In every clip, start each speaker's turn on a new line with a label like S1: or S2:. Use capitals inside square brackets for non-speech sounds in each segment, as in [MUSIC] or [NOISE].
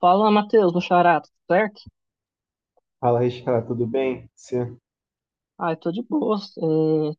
S1: Fala, Matheus, meu xará, tudo certo?
S2: Fala, Raíssa, tudo bem? Você?
S1: Ah, eu tô de boas,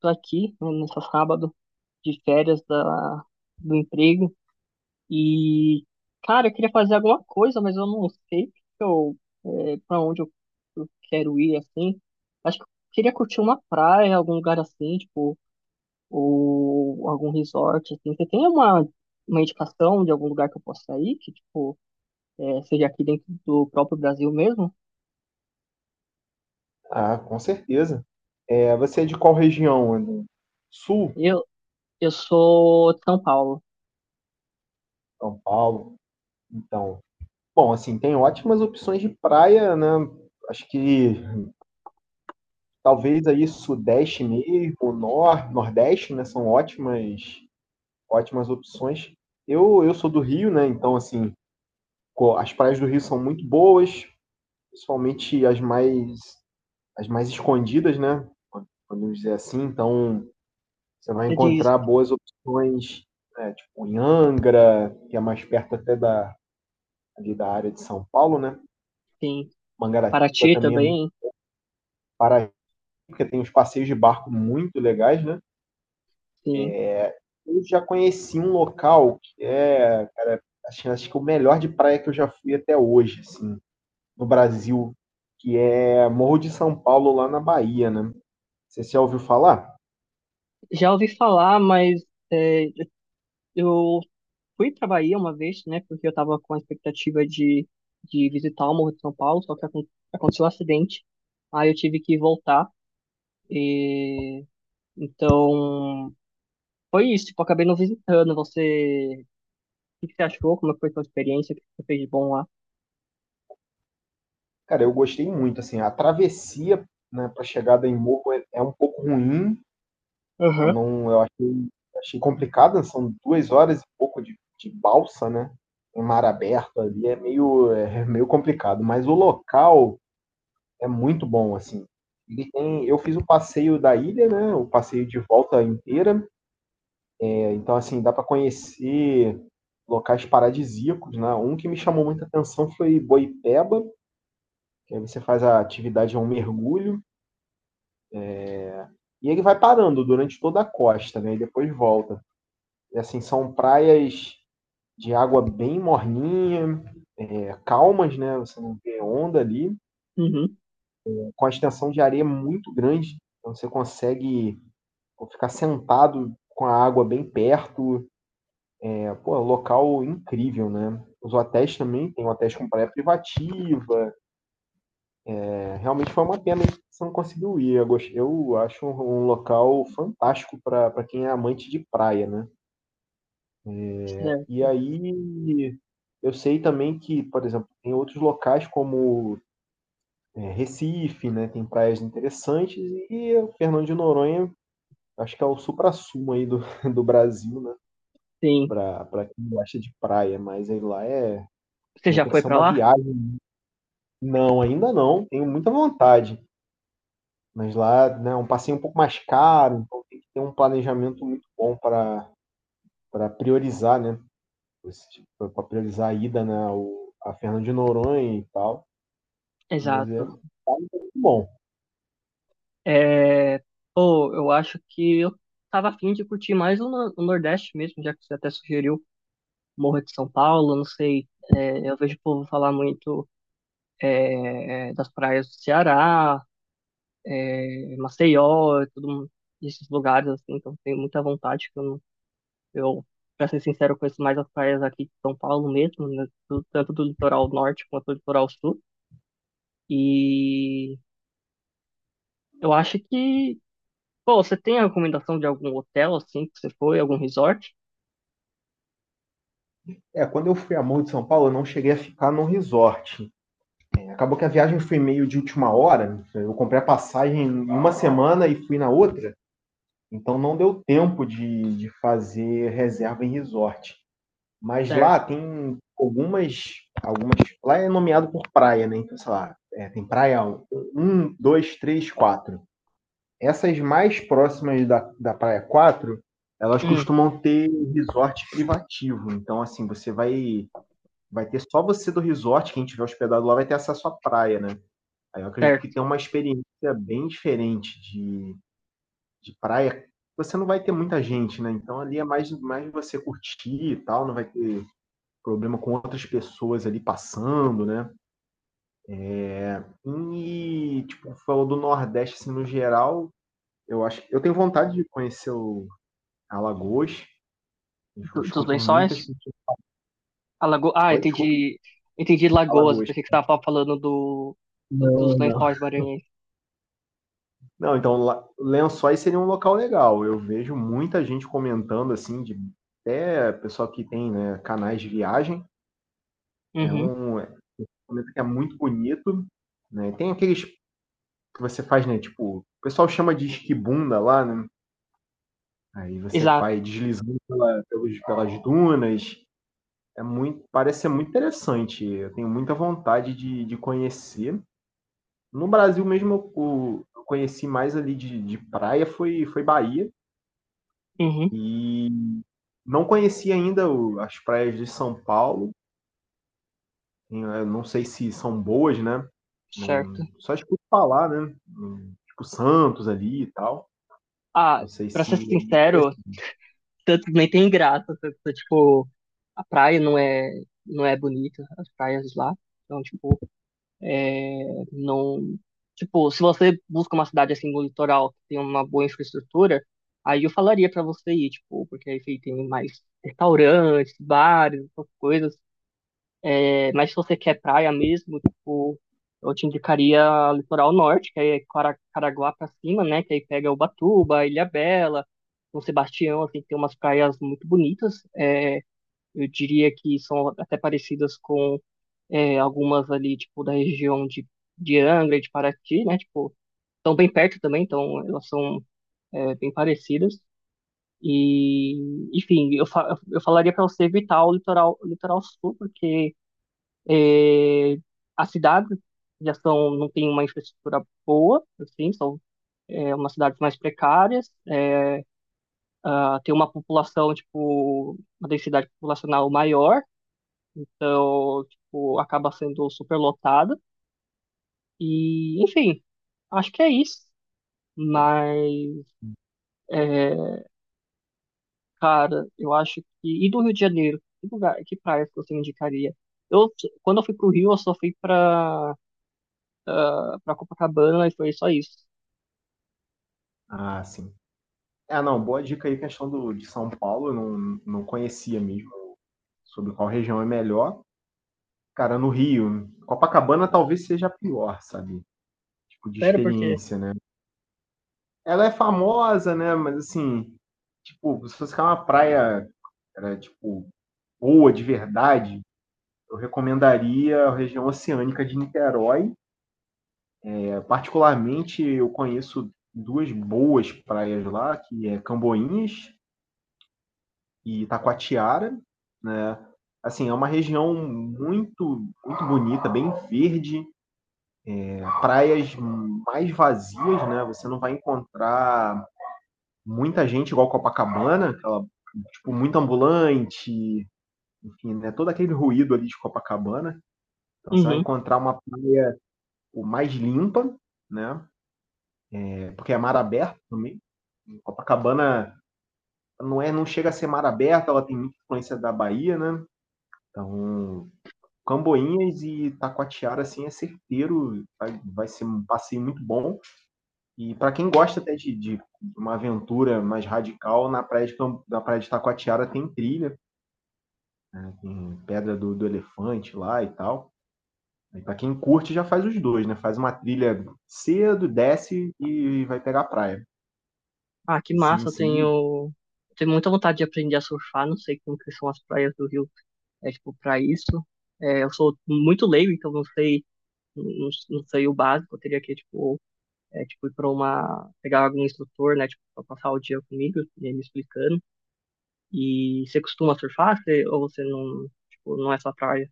S1: tô aqui, né, nessa sábado de férias do emprego e, cara, eu queria fazer alguma coisa, mas eu não sei o que pra onde eu quero ir, assim. Acho que eu queria curtir uma praia, algum lugar assim, tipo, ou algum resort, assim. Você tem uma indicação de algum lugar que eu possa ir, que, tipo, é, seja aqui dentro do próprio Brasil mesmo?
S2: Ah, com certeza. Você é de qual região, André? Sul,
S1: Eu, eu sou de São Paulo.
S2: São Paulo. Então, bom, assim, tem ótimas opções de praia, né? Acho que talvez aí Sudeste mesmo, Nor, Nordeste, né? Ótimas opções. Eu sou do Rio, né? Então, assim, as praias do Rio são muito boas, principalmente as mais, as mais escondidas, né? Podemos dizer assim. Então, você vai
S1: Você diz
S2: encontrar boas opções, né, tipo em Angra, que é mais perto até ali da área de São Paulo, né?
S1: sim.
S2: Mangaratiba
S1: Paraty
S2: também é muito
S1: também,
S2: para, porque tem uns passeios de barco muito legais, né?
S1: sim.
S2: Eu já conheci um local que é, acho que o melhor de praia que eu já fui até hoje, assim, no Brasil, que é Morro de São Paulo, lá na Bahia, né? Você já ouviu falar?
S1: Já ouvi falar, mas é, eu fui pra Bahia uma vez, né? Porque eu tava com a expectativa de visitar o Morro de São Paulo, só que aconteceu um acidente. Aí eu tive que voltar. Então, foi isso. Tipo, eu acabei não visitando. Você, o que que você achou? Como foi a sua experiência? O que que você fez de bom lá?
S2: Cara, eu gostei muito, assim, a travessia, né, para chegada em Morro é um pouco ruim. Eu
S1: Aham.
S2: não, eu achei complicado, são 2 horas e pouco de balsa, né? Em mar aberto ali é é meio complicado, mas o local é muito bom, assim. Ele tem, eu fiz o passeio da ilha, né? O passeio de volta inteira. É, então, assim, dá para conhecer locais paradisíacos, né? Um que me chamou muita atenção foi Boipeba, que aí você faz a atividade, é um mergulho, e ele vai parando durante toda a costa, né? E depois volta. E, assim, são praias de água bem morninha, é, calmas, né? Você não vê onda ali,
S1: Uhum.
S2: com a extensão de areia muito grande, então você consegue ficar sentado com a água bem perto. É, pô, local incrível, né? Os hotéis também, tem hotéis com praia privativa. É, realmente foi uma pena que você não conseguiu ir. Eu, eu acho um local fantástico para quem é amante de praia, né? E
S1: Certo.
S2: aí eu sei também que, por exemplo, tem outros locais como é, Recife, né, tem praias interessantes. E o Fernando de Noronha acho que é o suprassumo aí do [LAUGHS] do Brasil, né,
S1: Sim.
S2: pra quem gosta de praia. Mas aí lá é,
S1: Você
S2: já
S1: já
S2: tem que
S1: foi
S2: ser
S1: pra
S2: uma
S1: lá?
S2: viagem. Não, ainda não, tenho muita vontade, mas lá, né, é um passeio um pouco mais caro, então tem que ter um planejamento muito bom para priorizar, né, para priorizar a ida, né, ao a Fernando de Noronha e tal, mas é
S1: Exato.
S2: muito bom.
S1: É, pô, eu acho que eu tava afim de curtir mais o, no- o Nordeste mesmo, já que você até sugeriu Morro de São Paulo, não sei, é, eu vejo o povo falar muito é, das praias do Ceará, é, Maceió, e tudo, esses lugares, assim, então tenho muita vontade, que eu, não- eu, pra ser sincero, conheço mais as praias aqui de São Paulo mesmo, né, do- tanto do litoral norte quanto do litoral sul, e eu acho que, pô, você tem a recomendação de algum hotel, assim, que você foi, algum resort?
S2: É, quando eu fui a Morro de São Paulo, eu não cheguei a ficar num resort. Acabou que a viagem foi meio de última hora. Eu comprei a passagem em uma semana e fui na outra. Então não deu tempo de fazer reserva em resort. Mas
S1: Certo.
S2: lá tem algumas. Algumas, lá é nomeado por praia, né? Então, sei lá, é, tem praia um, 2, 3, 4. Essas mais próximas da praia 4, elas
S1: Hum,
S2: costumam ter resort privativo. Então, assim, você vai ter só você do resort, quem tiver hospedado lá vai ter acesso à praia, né? Aí eu acredito que
S1: certo.
S2: tem uma experiência bem diferente de praia, você não vai ter muita gente, né, então ali é mais você curtir e tal, não vai ter problema com outras pessoas ali passando, né. E, tipo, falou do Nordeste, assim, no geral, eu acho que eu tenho vontade de conhecer o Alagoas, eu
S1: Do- dos
S2: escuto muitas
S1: lençóis?
S2: pessoas.
S1: A lago... Ah,
S2: Oi, desculpa?
S1: entendi. Entendi Lagoas. Eu
S2: Alagoas.
S1: pensei que você estava falando do... do- dos
S2: Não, não.
S1: lençóis maranhenses.
S2: Não, então lá- Lençóis seria um local legal. Eu vejo muita gente comentando assim, de até pessoal que tem, né, canais de viagem.
S1: Uhum,
S2: É, comenta que é muito bonito, né. Tem aqueles que você faz, né, tipo, o pessoal chama de esquibunda lá, né. Aí você
S1: exato.
S2: faz deslizando pela pelos pelas dunas. É muito, parece ser muito interessante. Eu tenho muita vontade de conhecer. No Brasil mesmo eu conheci mais ali de praia foi, foi Bahia.
S1: Uhum,
S2: E não conhecia ainda as praias de São Paulo. Eu não sei se são boas, né?
S1: certo.
S2: Não, só escuto falar, né? Tipo Santos ali e tal.
S1: Ah,
S2: Não sei
S1: pra
S2: se
S1: ser
S2: é
S1: sincero,
S2: interessante.
S1: tanto nem tem graça. Tanto, tipo, a praia não é, não é bonita, as praias lá. Então, tipo, não. Tipo, se você busca uma cidade assim no litoral que tem uma boa infraestrutura, aí eu falaria pra você ir, tipo, porque aí tem mais restaurantes, bares, essas coisas. É, mas se você quer praia mesmo, tipo, eu te indicaria litoral norte, que aí é Caraguá pra cima, né? Que aí pega Ubatuba, Ilhabela, São Sebastião, assim, tem umas praias muito bonitas. É, eu diria que são até parecidas com é, algumas ali, tipo, da região de Angra e de Paraty, né? Tipo, estão bem perto também, então elas são é, bem parecidas. E, enfim, eu, fa eu falaria pra você evitar o litoral sul, porque as cidades já são, não tem uma infraestrutura boa, assim, são é, umas cidades mais precárias, é, ah, tem uma população, tipo, uma densidade populacional maior, então, tipo, acaba sendo superlotada. E, enfim, acho que é isso. Mas, é, cara, eu acho que. E do Rio de Janeiro? Que lugar, que praia que você indicaria? Eu, quando eu fui pro Rio, eu só fui pra Copacabana e foi só isso.
S2: Ah, sim. Ah, não, boa dica aí, questão do, de São Paulo, eu não, não conhecia mesmo sobre qual região é melhor. Cara, no Rio, Copacabana talvez seja a pior, sabe? Tipo, de
S1: Sério, porque.
S2: experiência, né? Ela é famosa, né? Mas assim, tipo, se fosse ficar uma praia, era, tipo, boa de verdade, eu recomendaria a região oceânica de Niterói. É, particularmente, eu conheço duas boas praias lá, que é Camboinhas e Itacoatiara, né? Assim, é uma região muito bonita, bem verde, é, praias mais vazias, né? Você não vai encontrar muita gente igual Copacabana, aquela, tipo, muito ambulante, enfim, né? Todo aquele ruído ali de Copacabana. Então você vai
S1: Uhum.
S2: encontrar uma praia o mais limpa, né? É, porque é mar aberto também. Copacabana não chega a ser mar aberto, ela tem muita influência da Bahia, né? Então, Camboinhas e Taquatiara, assim, é certeiro, vai ser um passeio muito bom. E para quem gosta até de uma aventura mais radical, na na praia de Taquatiara tem trilha, né, tem pedra do elefante lá e tal. E para quem curte, já faz os dois, né? Faz uma trilha cedo, desce e vai pegar a praia.
S1: Ah, que
S2: Assim,
S1: massa,
S2: assim,
S1: tenho muita vontade de aprender a surfar, não sei como que são as praias do Rio, é tipo, para isso. É, eu sou muito leigo, então não sei, não sei o básico, eu teria que, tipo, é, tipo ir para uma, pegar algum instrutor, né, tipo, para passar o dia comigo, e ele me explicando. E você costuma surfar, você, ou você não, tipo, não é sua praia?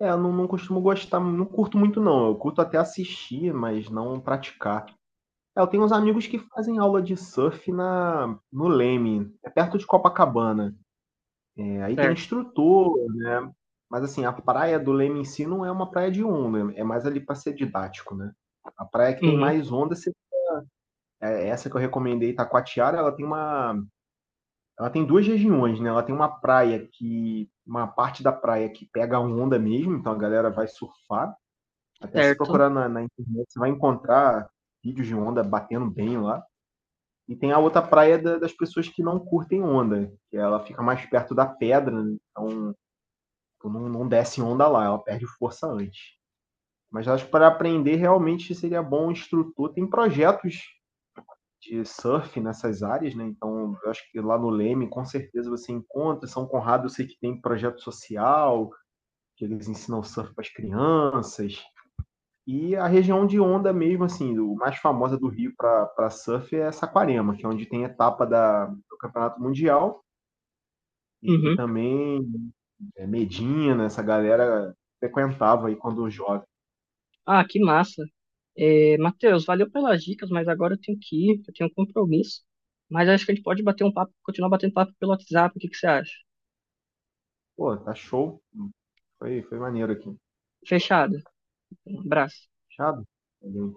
S2: é, eu não, não costumo gostar, não curto muito não. Eu curto até assistir, mas não praticar. É, eu tenho uns amigos que fazem aula de surf na no Leme, é perto de Copacabana. É, aí tem
S1: Certo.
S2: instrutor, né, mas assim, a praia do Leme em si não é uma praia de onda, é mais ali para ser didático, né. A praia que tem
S1: Uhum,
S2: mais onda se é essa que eu recomendei, Itacoatiara, ela tem uma ela tem 2 regiões, né, ela tem uma praia que uma parte da praia que pega a onda mesmo, então a galera vai surfar. Até se
S1: certo.
S2: procurar na internet, você vai encontrar vídeos de onda batendo bem lá. E tem a outra praia das pessoas que não curtem onda, que ela fica mais perto da pedra, né? Então tipo, não desce onda lá, ela perde força antes. Mas acho que para aprender realmente seria bom um instrutor. Tem projetos de surf nessas áreas, né? Então eu acho que lá no Leme com certeza você encontra. São Conrado eu sei que tem projeto social, que eles ensinam surf para as crianças. E a região de onda mesmo, assim, do mais famosa do Rio para surf é Saquarema, que é onde tem a etapa do Campeonato Mundial, e que
S1: Uhum.
S2: também é, Medina, essa galera frequentava aí quando jovem.
S1: Ah, que massa. É, Matheus, valeu pelas dicas, mas agora eu tenho que ir, eu tenho um compromisso. Mas acho que a gente pode bater um papo, continuar batendo papo pelo WhatsApp, o que que você acha?
S2: Pô, tá show. Foi maneiro aqui.
S1: Fechado. Um abraço.
S2: Fechado? Valeu, então.